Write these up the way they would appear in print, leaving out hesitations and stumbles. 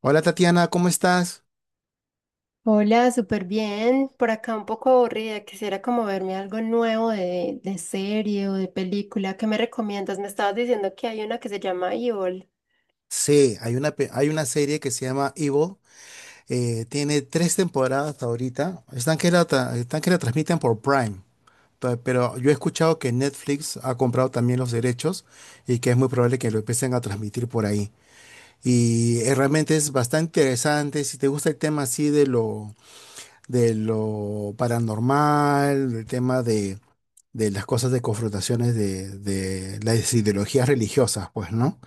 Hola Tatiana, ¿cómo estás? Hola, súper bien. Por acá un poco aburrida. Quisiera como verme algo nuevo de serie o de película. ¿Qué me recomiendas? Me estabas diciendo que hay una que se llama Evil. Sí, hay una serie que se llama Evil. Tiene tres temporadas hasta ahorita. Están que la transmiten por Prime. Pero yo he escuchado que Netflix ha comprado también los derechos y que es muy probable que lo empiecen a transmitir por ahí. Y realmente es bastante interesante. Si te gusta el tema así de lo paranormal, el tema de las cosas de confrontaciones de las ideologías religiosas, pues, ¿no?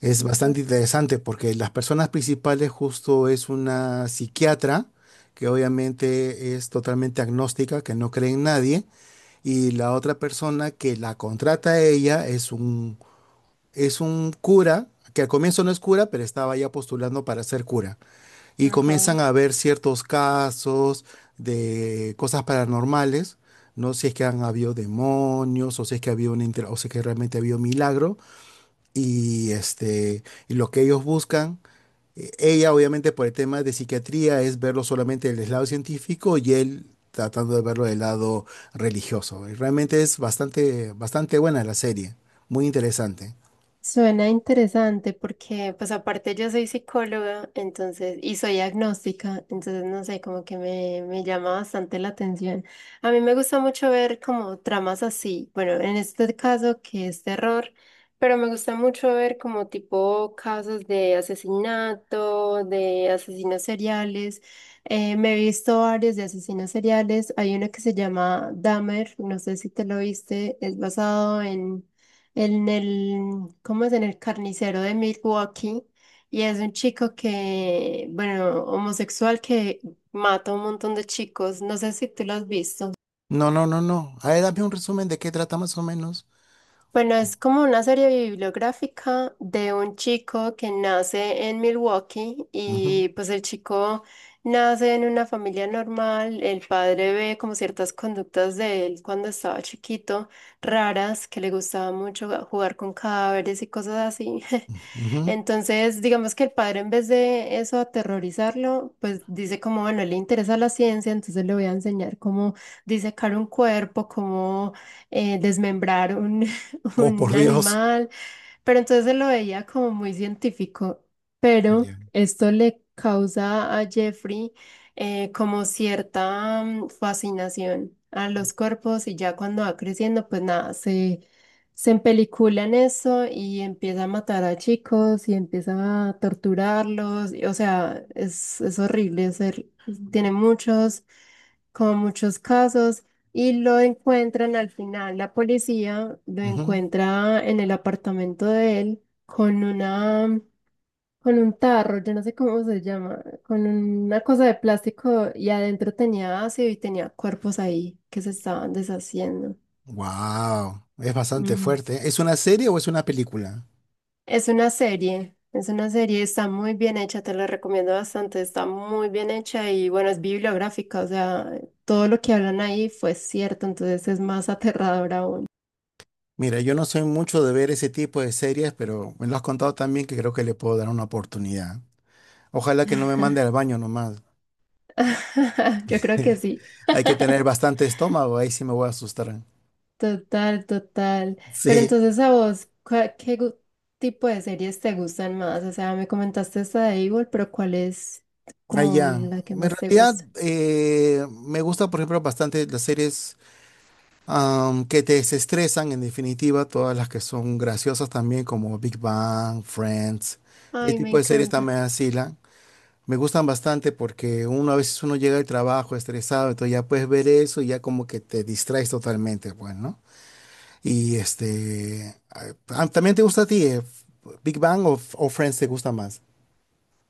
Es bastante interesante porque las personas principales justo es una psiquiatra que obviamente es totalmente agnóstica, que no cree en nadie, y la otra persona que la contrata a ella es un cura, que al comienzo no es cura, pero estaba ya postulando para ser cura. Y Ajá. comienzan a ver ciertos casos de cosas paranormales, no sé si es que han habido demonios o si es que ha habido o si es que realmente ha habido milagro y este, y lo que ellos buscan, ella obviamente por el tema de psiquiatría es verlo solamente del lado científico y él tratando de verlo del lado religioso. Y realmente es bastante, bastante buena la serie, muy interesante. Suena interesante porque, pues aparte yo soy psicóloga, entonces, y soy agnóstica, entonces no sé, como que me llama bastante la atención. A mí me gusta mucho ver como tramas así, bueno, en este caso que es terror, pero me gusta mucho ver como tipo casos de asesinato, de asesinos seriales. Me he visto varios de asesinos seriales, hay uno que se llama Dahmer, no sé si te lo viste, es basado en en el, ¿cómo es? En el carnicero de Milwaukee. Y es un chico que, bueno, homosexual que mata a un montón de chicos. No sé si tú lo has visto. No, no, no, no. A ver, dame un resumen de qué trata más o menos. Bueno, Co- es como una serie bibliográfica de un chico que nace en Milwaukee Ujú, y pues el chico nace en una familia normal, el padre ve como ciertas conductas de él cuando estaba chiquito, raras, que le gustaba mucho jugar con cadáveres y cosas así. ujú. Entonces, digamos que el padre en vez de eso aterrorizarlo, pues dice como, bueno, le interesa la ciencia, entonces le voy a enseñar cómo disecar un cuerpo, cómo desmembrar Oh, por un Dios. animal, pero entonces se lo veía como muy científico. Pero Ya. esto le causa a Jeffrey como cierta fascinación a los cuerpos y ya cuando va creciendo, pues nada, se empelicula en eso y empieza a matar a chicos y empieza a torturarlos. Y, o sea, es horrible, tiene muchos con muchos casos y lo encuentran al final, la policía lo encuentra en el apartamento de él con una, con un tarro, yo no sé cómo se llama, con una cosa de plástico y adentro tenía ácido y tenía cuerpos ahí que se estaban deshaciendo. Wow, es bastante Ujú. fuerte. ¿Es una serie o es una película? Es una serie. Es una serie, está muy bien hecha, te la recomiendo bastante, está muy bien hecha y bueno, es bibliográfica, o sea, todo lo que hablan ahí fue cierto, entonces es más aterrador aún. Mira, yo no soy mucho de ver ese tipo de series, pero me lo has contado también que creo que le puedo dar una oportunidad. Ojalá que no me mande al baño nomás. Yo creo que sí, Hay que tener bastante estómago, ahí sí me voy a asustar. total, total. Pero Sí, entonces a vos, ¿qué tipo de series te gustan más? O sea, me comentaste esta de Evil, pero ¿cuál es como allá. la que En más te realidad, gusta? Me gusta, por ejemplo, bastante las series que te desestresan, en definitiva, todas las que son graciosas también, como Big Bang, Friends. Ese Ay, me tipo de series encanta. también así. Me gustan bastante porque uno a veces uno llega al trabajo estresado, entonces ya puedes ver eso y ya como que te distraes totalmente, pues, ¿no? Y este, ¿también te gusta a ti Big Bang o Friends te gusta más?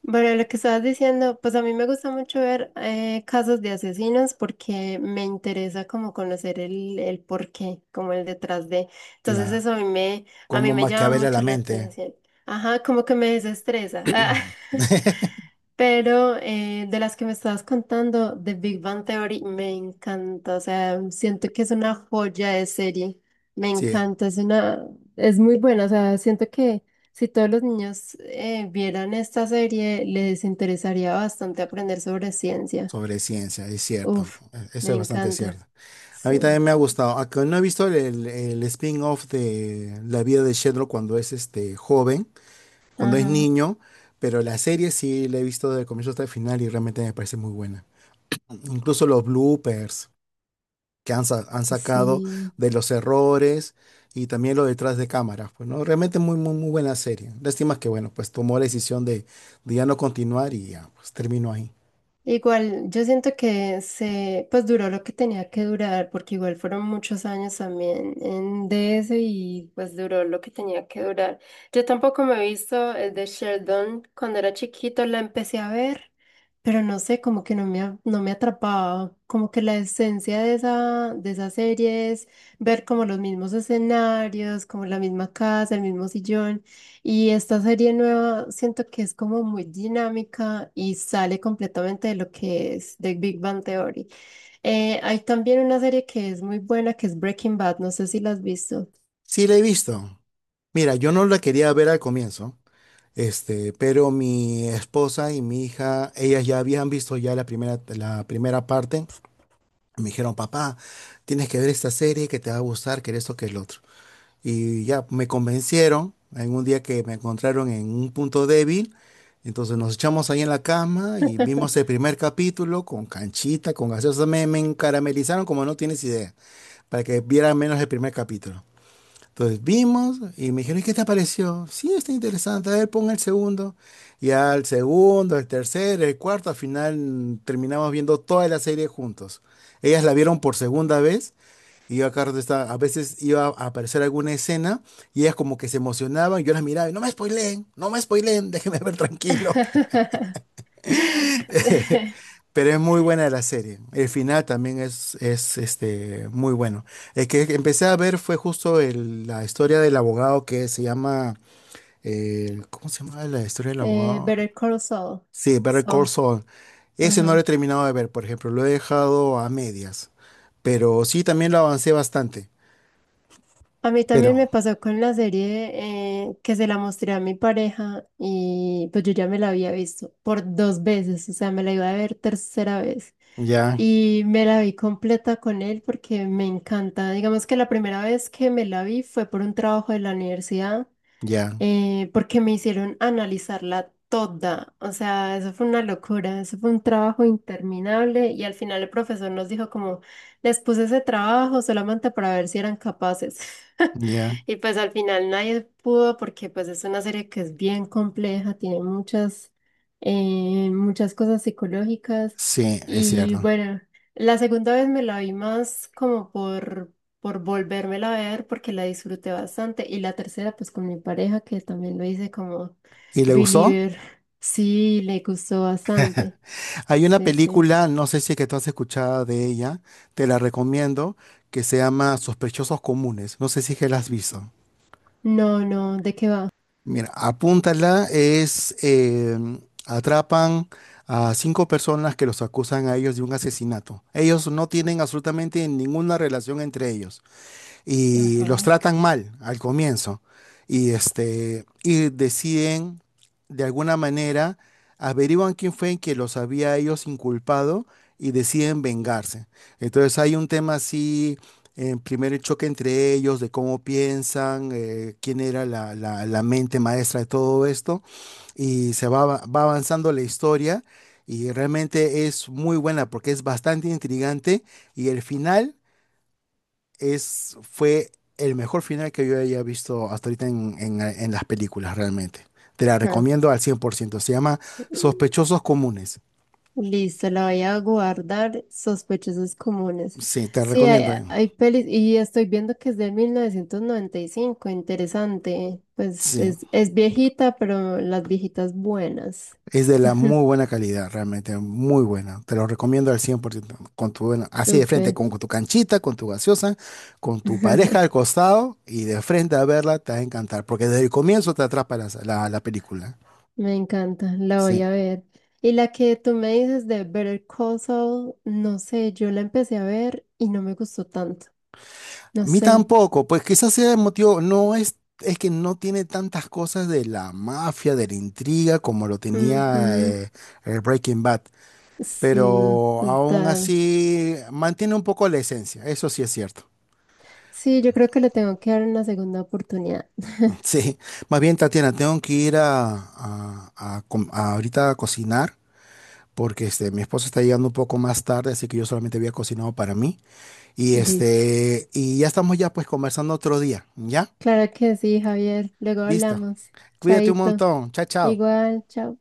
Bueno, lo que estabas diciendo, pues a mí me gusta mucho ver casos de asesinos porque me interesa como conocer el porqué, como el detrás de. Entonces La, eso a mí Cómo me llama maquiavela mucho la la mente. atención. Ajá, como que me desestresa. Ah. Pero de las que me estabas contando, The Big Bang Theory, me encanta. O sea, siento que es una joya de serie. Me Sí, encanta, es una, es muy buena. O sea, siento que si todos los niños vieran esta serie, les interesaría bastante aprender sobre ciencia. sobre ciencia, es cierto. Uf, me Eso es bastante encanta. cierto. A mí Sí. también me ha gustado, aunque no he visto el spin-off de la vida de Sheldon cuando es este joven, cuando es Ajá. niño, pero la serie sí la he visto de comienzo hasta el final y realmente me parece muy buena. Incluso los bloopers que han sacado Sí. de los errores y también lo detrás de cámaras, pues no, realmente muy, muy, muy buena serie. Lástima que, bueno, pues tomó la decisión de ya no continuar y ya, pues terminó ahí. Igual, yo siento que se, pues duró lo que tenía que durar, porque igual fueron muchos años también en DS y pues duró lo que tenía que durar. Yo tampoco me he visto el de Sheldon cuando era chiquito, la empecé a ver, pero no sé, como que no me atrapaba, como que la esencia de de esa serie es ver como los mismos escenarios, como la misma casa, el mismo sillón. Y esta serie nueva siento que es como muy dinámica y sale completamente de lo que es The Big Bang Theory. Hay también una serie que es muy buena, que es Breaking Bad, no sé si la has visto. Sí la he visto. Mira, yo no la quería ver al comienzo. Este, pero mi esposa y mi hija, ellas ya habían visto ya la primera parte. Me dijeron, papá, tienes que ver esta serie que te va a gustar, que esto, que el otro. Y ya me convencieron, en un día que me encontraron en un punto débil, entonces nos echamos ahí en la cama y vimos el primer capítulo con canchita, con gaseosa, me caramelizaron como no tienes idea, para que viera menos el primer capítulo. Entonces vimos y me dijeron, ¿y qué te pareció? Sí, está interesante. A ver, pon el segundo. Y al segundo, el tercero, el cuarto, al final terminamos viendo toda la serie juntos. Ellas la vieron por segunda vez y yo acá a veces iba a aparecer alguna escena y ellas como que se emocionaban. Yo las miraba y no me spoileen, no me spoileen, déjenme ver tranquilo. Pero es muy buena la serie. El final también es este, muy bueno. El que empecé a ver fue justo la historia del abogado que se llama. ¿Cómo se llama la historia del abogado? Better Call Saul. Sí, Better Call Saul, Saul. Ese no lo he ajá. terminado de ver, por ejemplo. Lo he dejado a medias. Pero sí, también lo avancé bastante. A mí Pero también me pasó con la serie que se la mostré a mi pareja y pues yo ya me la había visto por dos veces, o sea, me la iba a ver tercera vez ya, y me la vi completa con él porque me encanta. Digamos que la primera vez que me la vi fue por un trabajo de la universidad ya, porque me hicieron analizarla toda. O sea, eso fue una locura, eso fue un trabajo interminable y al final el profesor nos dijo como, les puse ese trabajo solamente para ver si eran capaces. ya. Y pues al final nadie pudo porque pues es una serie que es bien compleja, tiene muchas, muchas cosas psicológicas Sí, es y cierto. bueno. La segunda vez me la vi más como por volvérmela a ver porque la disfruté bastante. Y la tercera, pues con mi pareja, que también lo hice como ¿Y le gustó? believer. Sí, le gustó bastante. Hay una Sí, sí. película, no sé si es que tú has escuchado de ella, te la recomiendo, que se llama Sospechosos Comunes. No sé si es que la has visto. No, no, ¿de qué va? Mira, apúntala, es atrapan a cinco personas que los acusan a ellos de un asesinato. Ellos no tienen absolutamente ninguna relación entre ellos y los Ajá. tratan mal al comienzo y este y deciden de alguna manera averiguan quién fue en que los había ellos inculpado y deciden vengarse. Entonces hay un tema así, en primer choque entre ellos, de cómo piensan, quién era la mente maestra de todo esto, y va avanzando la historia, y realmente es muy buena porque es bastante intrigante, y el final fue el mejor final que yo haya visto hasta ahorita en, en las películas, realmente. Te la Ah. recomiendo al 100%. Se llama Sospechosos Comunes. Listo, la voy a guardar. Sospechosos comunes. Sí, te la Sí, recomiendo. hay, hay pelis y estoy viendo que es de 1995. Interesante. Pues Sí, es, es viejita, pero las viejitas buenas. es de la muy buena calidad, realmente, muy buena. Te lo recomiendo al 100%. Con tu, bueno, así de frente, Súper. con tu canchita, con tu gaseosa, con tu pareja al costado y de frente a verla, te va a encantar, porque desde el comienzo te atrapa la película. Me encanta, la Sí. voy a ver. Y la que tú me dices de Better Call Saul, no sé, yo la empecé a ver y no me gustó tanto. A No mí sé. tampoco, pues quizás sea el motivo, no es que no tiene tantas cosas de la mafia, de la intriga, como lo tenía Ujú, el Breaking Bad, sí, pero aún total. así mantiene un poco la esencia, eso sí es cierto. Sí, yo creo que le tengo que dar una segunda oportunidad. Sí, más bien Tatiana, tengo que ir a ahorita a cocinar. Porque este, mi esposo está llegando un poco más tarde, así que yo solamente había cocinado para mí. Y Listo. este, y ya estamos ya pues conversando otro día, ¿ya? Claro que sí, Javier. Luego Listo. hablamos. Cuídate un Chaito. montón. Chao, chao. Igual, chao.